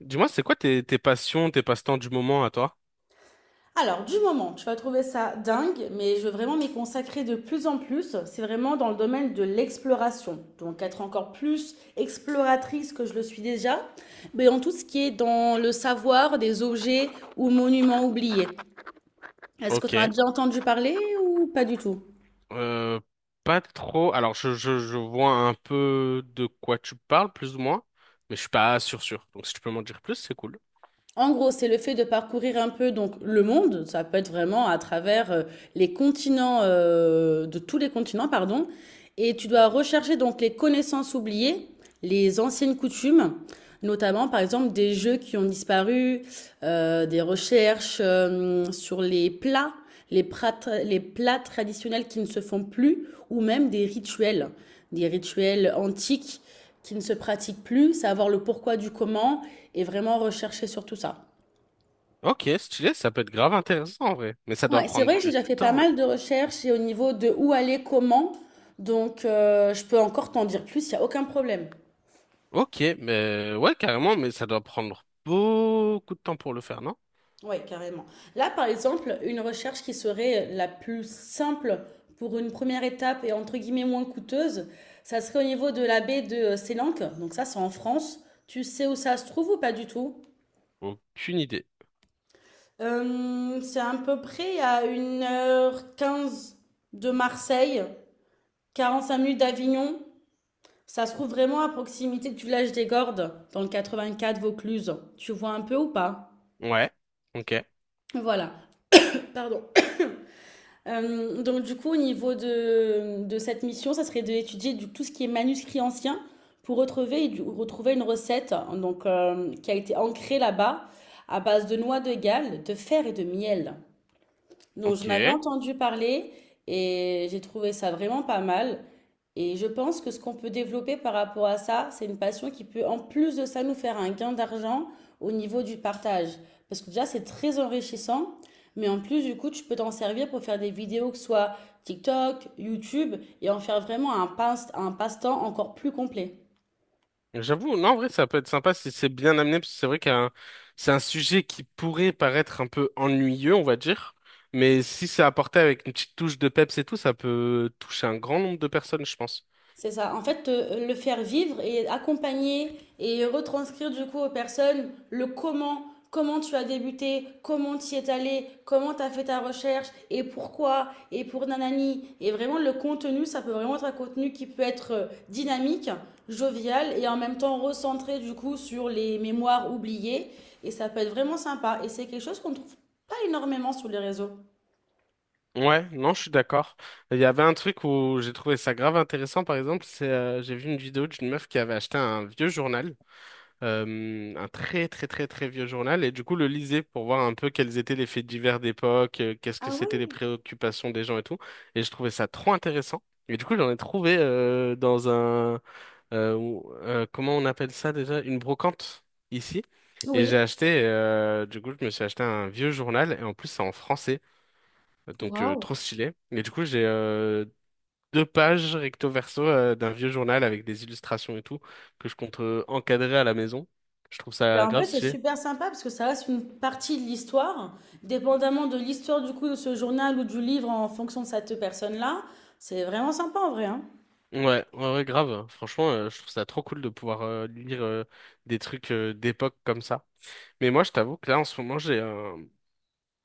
Dis-moi, c'est quoi tes passions, tes passe-temps du moment à toi? Alors, du moment, tu vas trouver ça dingue, mais je veux vraiment m'y consacrer de plus en plus. C'est vraiment dans le domaine de l'exploration. Donc, être encore plus exploratrice que je le suis déjà, mais en tout ce qui est dans le savoir des objets ou monuments oubliés. Est-ce que tu en as Ok. déjà entendu parler ou pas du tout? Euh, pas trop. Alors, je vois un peu de quoi tu parles, plus ou moins, mais je suis pas sûr sûr. Donc, si tu peux m'en dire plus, c'est cool. En gros, c'est le fait de parcourir un peu donc le monde, ça peut être vraiment à travers les continents, de tous les continents, pardon, et tu dois rechercher donc les connaissances oubliées, les anciennes coutumes. Notamment, par exemple, des jeux qui ont disparu, des recherches sur les plats, les plats, les plats traditionnels qui ne se font plus, ou même des rituels antiques qui ne se pratiquent plus, savoir le pourquoi du comment et vraiment rechercher sur tout ça. Ok, stylé, ça peut être grave intéressant en vrai, mais ça doit Ouais, c'est prendre vrai que j'ai du déjà fait pas temps. mal de recherches et au niveau de où aller, comment, donc je peux encore t'en dire plus, il n'y a aucun problème. Ok, mais ouais, carrément, mais ça doit prendre beaucoup de temps pour le faire, non? Oui, carrément. Là, par exemple, une recherche qui serait la plus simple pour une première étape et entre guillemets moins coûteuse, ça serait au niveau de la baie de Sélanque. Donc ça, c'est en France. Tu sais où ça se trouve ou pas du tout? Aucune idée. C'est à peu près à 1h15 de Marseille, 45 minutes d'Avignon. Ça se trouve vraiment à proximité du village des Gordes, dans le 84 Vaucluse. Tu vois un peu ou pas? Ouais, ok, Voilà. Pardon. Donc du coup, au niveau de cette mission, ça serait d'étudier tout ce qui est manuscrit ancien pour retrouver, retrouver une recette hein, donc, qui a été ancrée là-bas à base de noix de Galles, de fer et de miel. Donc j'en avais ok. entendu parler et j'ai trouvé ça vraiment pas mal. Et je pense que ce qu'on peut développer par rapport à ça, c'est une passion qui peut, en plus de ça, nous faire un gain d'argent au niveau du partage. Parce que déjà, c'est très enrichissant. Mais en plus, du coup, tu peux t'en servir pour faire des vidéos, que ce soit TikTok, YouTube, et en faire vraiment un passe-temps encore plus complet. J'avoue, non, en vrai, ça peut être sympa si c'est bien amené, parce que c'est vrai qu'un c'est un sujet qui pourrait paraître un peu ennuyeux, on va dire, mais si c'est apporté avec une petite touche de peps et tout, ça peut toucher un grand nombre de personnes, je pense. C'est ça. En fait, le faire vivre et accompagner et retranscrire du coup aux personnes le comment tu as débuté, comment tu y es allé, comment tu as fait ta recherche et pourquoi et pour nanani. Et vraiment, le contenu, ça peut vraiment être un contenu qui peut être dynamique, jovial et en même temps recentré du coup sur les mémoires oubliées. Et ça peut être vraiment sympa. Et c'est quelque chose qu'on ne trouve pas énormément sur les réseaux. Ouais, non, je suis d'accord. Il y avait un truc où j'ai trouvé ça grave intéressant, par exemple, c'est j'ai vu une vidéo d'une meuf qui avait acheté un vieux journal un très très très très vieux journal et du coup le lisais pour voir un peu quels étaient les faits divers d'époque, qu'est-ce que Ah c'était les ouais? préoccupations des gens et tout. Et je trouvais ça trop intéressant. Et du coup j'en ai trouvé dans un comment on appelle ça déjà? Une brocante ici. Et j'ai Oui. acheté du coup je me suis acheté un vieux journal et en plus c'est en français donc Waouh! trop stylé. Et du coup j'ai deux pages recto verso d'un vieux journal avec des illustrations et tout, que je compte encadrer à la maison. Je trouve Ben, ça en grave vrai, c'est stylé. super sympa parce que ça reste une partie de l'histoire. Dépendamment de l'histoire du coup de ce journal ou du livre en fonction de cette personne-là, c'est vraiment sympa en vrai, hein. Ouais, ouais, ouais, grave. Franchement, je trouve ça trop cool de pouvoir lire des trucs d'époque comme ça. Mais moi, je t'avoue que là, en ce moment, j'ai un...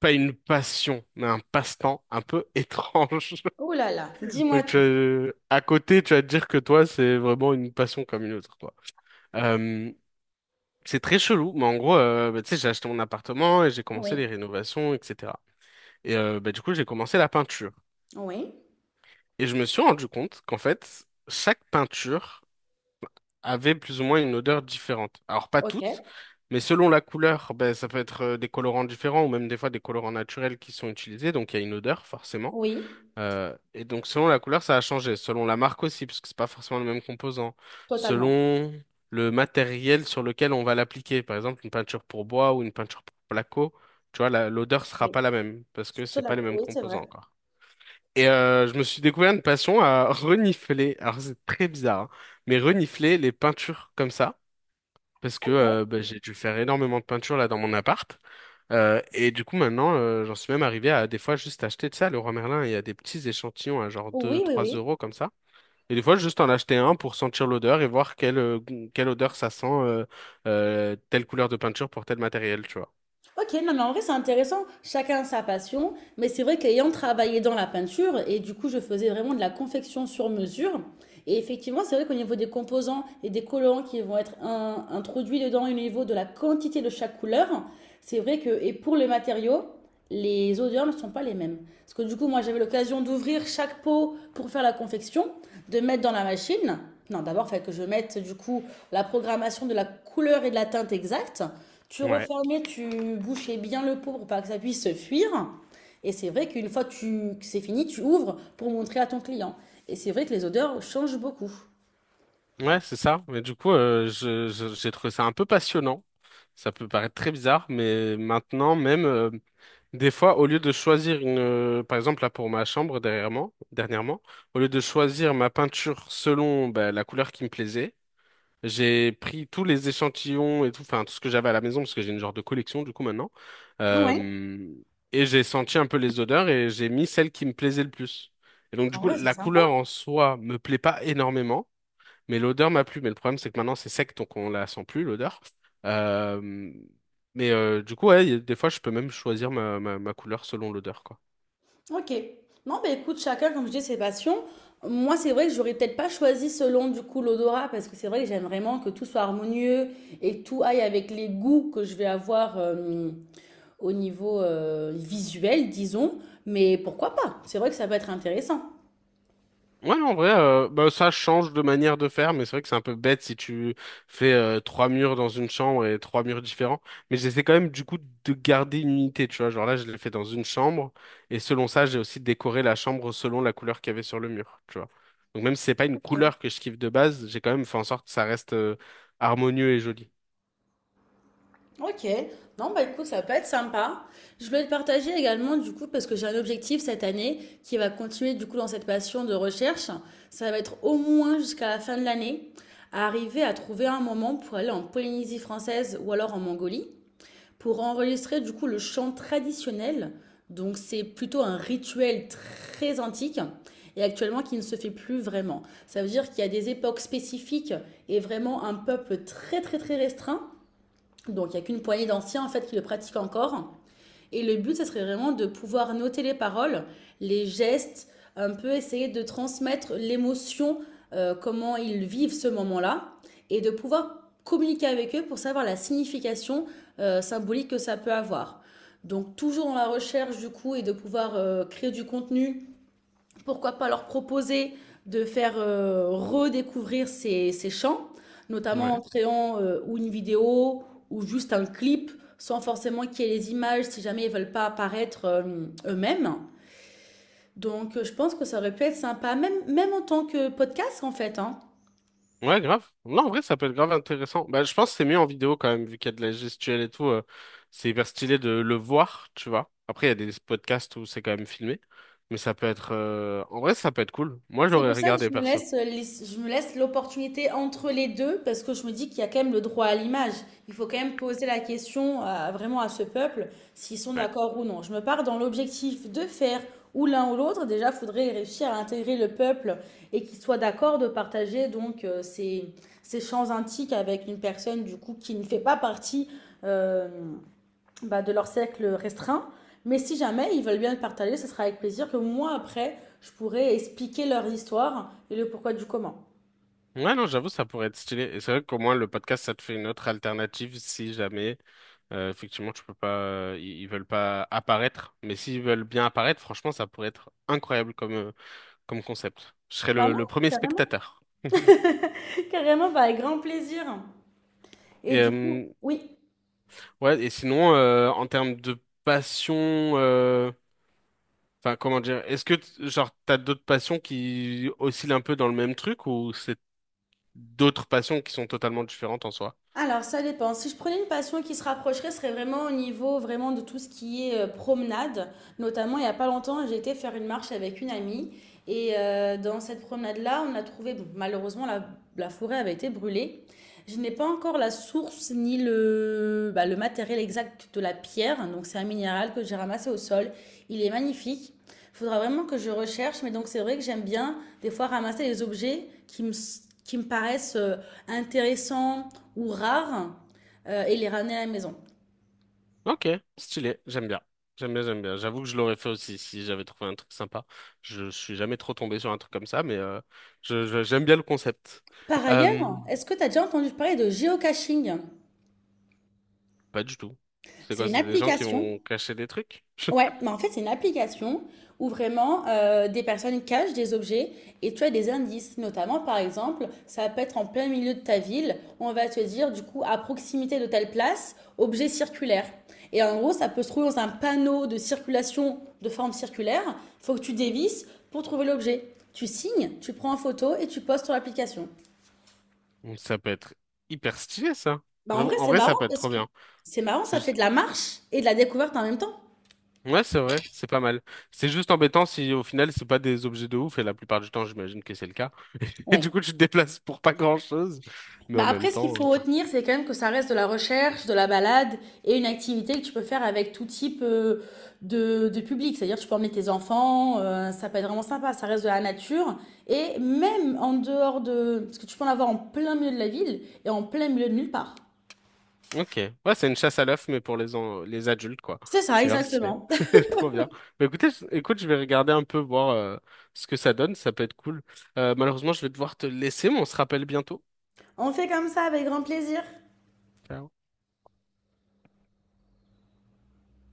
pas une passion, mais un passe-temps un peu étrange. Oh là là, dis-moi Donc, tu tout. vas- à côté, tu vas te dire que toi, c'est vraiment une passion comme une autre, quoi. Euh, c'est très chelou, mais en gros, bah, tu sais, j'ai acheté mon appartement et j'ai commencé les Oui, rénovations, etc. Et bah, du coup, j'ai commencé la peinture. oui, Et je me suis rendu compte qu'en fait, chaque peinture avait plus ou moins une odeur différente. Alors, pas ok, toutes, mais selon la couleur, ben ça peut être des colorants différents ou même des fois des colorants naturels qui sont utilisés. Donc, il y a une odeur, forcément. oui, Et donc, selon la couleur, ça a changé. Selon la marque aussi, parce que c'est pas forcément le même composant. totalement. Selon le matériel sur lequel on va l'appliquer. Par exemple, une peinture pour bois ou une peinture pour placo, tu vois, la- l'odeur sera Oui, pas la même parce que c'est pas les mêmes oui, c'est composants vrai. encore. Et je me suis découvert une passion à renifler, alors c'est très bizarre, hein, mais renifler les peintures comme ça, parce que Ok. bah, j'ai dû faire énormément de peintures là dans mon appart. Et du coup maintenant, j'en suis même arrivé à des fois juste acheter, tu sais, à Leroy Merlin, il y a des petits échantillons à genre deux, Oui, oui, trois oui. euros comme ça. Et des fois juste en acheter un pour sentir l'odeur et voir quelle odeur ça sent, telle couleur de peinture pour tel matériel, tu vois. Ok, non, mais en vrai, c'est intéressant. Chacun sa passion. Mais c'est vrai qu'ayant travaillé dans la peinture, et du coup, je faisais vraiment de la confection sur mesure. Et effectivement, c'est vrai qu'au niveau des composants et des colorants qui vont être introduits dedans, au niveau de la quantité de chaque couleur, c'est vrai que, et pour les matériaux, les odeurs ne sont pas les mêmes. Parce que du coup, moi, j'avais l'occasion d'ouvrir chaque pot pour faire la confection, de mettre dans la machine. Non, d'abord, il fallait que je mette, du coup, la programmation de la couleur et de la teinte exacte. Tu Ouais. refermais, tu bouchais bien le pot pour pas que ça puisse se fuir. Et c'est vrai qu'une fois que c'est fini, tu ouvres pour montrer à ton client. Et c'est vrai que les odeurs changent beaucoup. Ouais, c'est ça. Mais du coup, j'ai trouvé ça un peu passionnant. Ça peut paraître très bizarre, mais maintenant même, des fois, au lieu de choisir par exemple là pour ma chambre derrière moi, dernièrement, au lieu de choisir ma peinture selon bah, la couleur qui me plaisait, j'ai pris tous les échantillons et tout, enfin tout ce que j'avais à la maison parce que j'ai une genre de collection du coup maintenant, Ouais. Euh, et j'ai senti un peu les odeurs et j'ai mis celle qui me plaisait le plus. Et donc du En coup, vrai, c'est la sympa. couleur en soi me plaît pas énormément. Mais l'odeur m'a plu. Mais le problème, c'est que maintenant, c'est sec, donc on la sent plus, l'odeur. Euh, mais du coup, ouais, y a- des fois, je peux même choisir ma couleur selon l'odeur, quoi. Ok. Non, mais écoute, chacun, comme je dis, ses passions. Moi, c'est vrai que j'aurais peut-être pas choisi selon du coup l'odorat parce que c'est vrai que j'aime vraiment que tout soit harmonieux et que tout aille avec les goûts que je vais avoir au niveau visuel, disons. Mais pourquoi pas? C'est vrai que ça peut être intéressant. Ouais, non, en vrai, bah, ça change de manière de faire, mais c'est vrai que c'est un peu bête si tu fais trois murs dans une chambre et trois murs différents. Mais j'essaie quand même, du coup, de garder une unité, tu vois. Genre là, je l'ai fait dans une chambre, et selon ça, j'ai aussi décoré la chambre selon la couleur qu'il y avait sur le mur, tu vois. Donc même si c'est pas une couleur que je kiffe de base, j'ai quand même fait en sorte que ça reste harmonieux et joli. Ok, non bah écoute, ça peut être sympa. Je voulais le partager également du coup parce que j'ai un objectif cette année qui va continuer du coup dans cette passion de recherche. Ça va être au moins jusqu'à la fin de l'année à arriver à trouver un moment pour aller en Polynésie française ou alors en Mongolie pour enregistrer du coup le chant traditionnel. Donc c'est plutôt un rituel très antique et actuellement qui ne se fait plus vraiment. Ça veut dire qu'il y a des époques spécifiques et vraiment un peuple très très très restreint donc il n'y a qu'une poignée d'anciens en fait qui le pratiquent encore. Et le but, ça serait vraiment de pouvoir noter les paroles, les gestes, un peu essayer de transmettre l'émotion, comment ils vivent ce moment-là, et de pouvoir communiquer avec eux pour savoir la signification symbolique que ça peut avoir. Donc toujours dans la recherche du coup et de pouvoir créer du contenu, pourquoi pas leur proposer de faire redécouvrir ces chants, notamment Ouais. en créant ou une vidéo ou juste un clip, sans forcément qu'il y ait les images si jamais ils veulent pas apparaître eux-mêmes. Donc je pense que ça aurait pu être sympa, même, même en tant que podcast en fait, hein. Ouais, grave. Non, en vrai, ça peut être grave intéressant. Bah, je pense que c'est mieux en vidéo quand même, vu qu'il y a de la gestuelle et tout. C'est hyper stylé de le voir, tu vois. Après, il y a des podcasts où c'est quand même filmé. Mais ça peut être... En vrai, ça peut être cool. Moi, C'est j'aurais pour ça que regardé je me perso. laisse, je me laisse l'opportunité entre les deux parce que je me dis qu'il y a quand même le droit à l'image. Il faut quand même poser la question vraiment à ce peuple s'ils sont Ouais. d'accord ou non. Je me pars dans l'objectif de faire ou l'un ou l'autre. Déjà, il faudrait réussir à intégrer le peuple et qu'il soit d'accord de partager donc ces champs antiques avec une personne du coup qui ne fait pas partie euh, de leur cercle restreint. Mais si jamais ils veulent bien le partager, ce sera avec plaisir que moi, après, je pourrai expliquer leur histoire et le pourquoi du comment. Ouais, non, j'avoue, ça pourrait être stylé. Et c'est vrai qu'au moins, le podcast, ça te fait une autre alternative si jamais... effectivement, tu peux pas... Ils veulent pas apparaître. Mais s'ils veulent bien apparaître, franchement, ça pourrait être incroyable comme, comme concept. Je serais Bah le non, le premier carrément. spectateur. Carrément, bah, avec grand plaisir. Et Et, du coup, oui. ouais, et sinon, en termes de passion, euh, enfin, comment dire, est-ce que genre, t'as d'autres passions qui oscillent un peu dans le même truc ou c'est d'autres passions qui sont totalement différentes en soi? Alors ça dépend. Si je prenais une passion qui se rapprocherait, ce serait vraiment au niveau vraiment de tout ce qui est promenade. Notamment, il n'y a pas longtemps, j'ai été faire une marche avec une amie. Et dans cette promenade-là, on a trouvé, bon, malheureusement, la forêt avait été brûlée. Je n'ai pas encore la source ni le, bah, le matériel exact de la pierre. Donc c'est un minéral que j'ai ramassé au sol. Il est magnifique. Il faudra vraiment que je recherche, mais donc c'est vrai que j'aime bien des fois ramasser les objets qui me paraissent intéressants ou rares et les ramener à la maison. Ok, stylé, j'aime bien. J'aime bien, j'aime bien. J'avoue que je l'aurais fait aussi si j'avais trouvé un truc sympa. Je suis jamais trop tombé sur un truc comme ça, mais j'aime bien le concept. Par Euh, ailleurs, est-ce que tu as déjà entendu parler de géocaching? pas du tout. C'est C'est quoi? une C'est des gens qui application. vont cacher des trucs? Ouais, mais en fait, c'est une application où vraiment des personnes cachent des objets et tu as des indices. Notamment, par exemple, ça peut être en plein milieu de ta ville, on va te dire du coup à proximité de telle place, objet circulaire. Et en gros, ça peut se trouver dans un panneau de circulation de forme circulaire. Il faut que tu dévisses pour trouver l'objet. Tu signes, tu prends en photo et tu postes sur l'application. Donc, ça peut être hyper stylé, ça. Bah en J'avoue, vrai, en c'est vrai, ça marrant peut être parce trop que bien. c'est marrant, C'est ça fait juste- de la marche et de la découverte en même temps. Ouais, c'est vrai, c'est pas mal. C'est juste embêtant si au final, c'est pas des objets de ouf, et la plupart du temps, j'imagine que c'est le cas. Et Oui. du coup, tu te déplaces pour pas grand-chose. Mais Bah en même après, ce qu'il temps. faut retenir, c'est quand même que ça reste de la recherche, de la balade et une activité que tu peux faire avec tout type de public. C'est-à-dire, tu peux emmener tes enfants, ça peut être vraiment sympa, ça reste de la nature. Et même en dehors de... Parce que tu peux en avoir en plein milieu de la ville et en plein milieu de nulle part. Ok. Ouais, c'est une chasse à l'œuf, mais pour les adultes, quoi. C'est ça, C'est grave stylé. exactement. Trop bien. Bah, écoute, je vais regarder un peu, voir ce que ça donne. Ça peut être cool. Malheureusement, je vais devoir te laisser, mais on se rappelle bientôt. On fait comme ça avec grand plaisir. Ciao.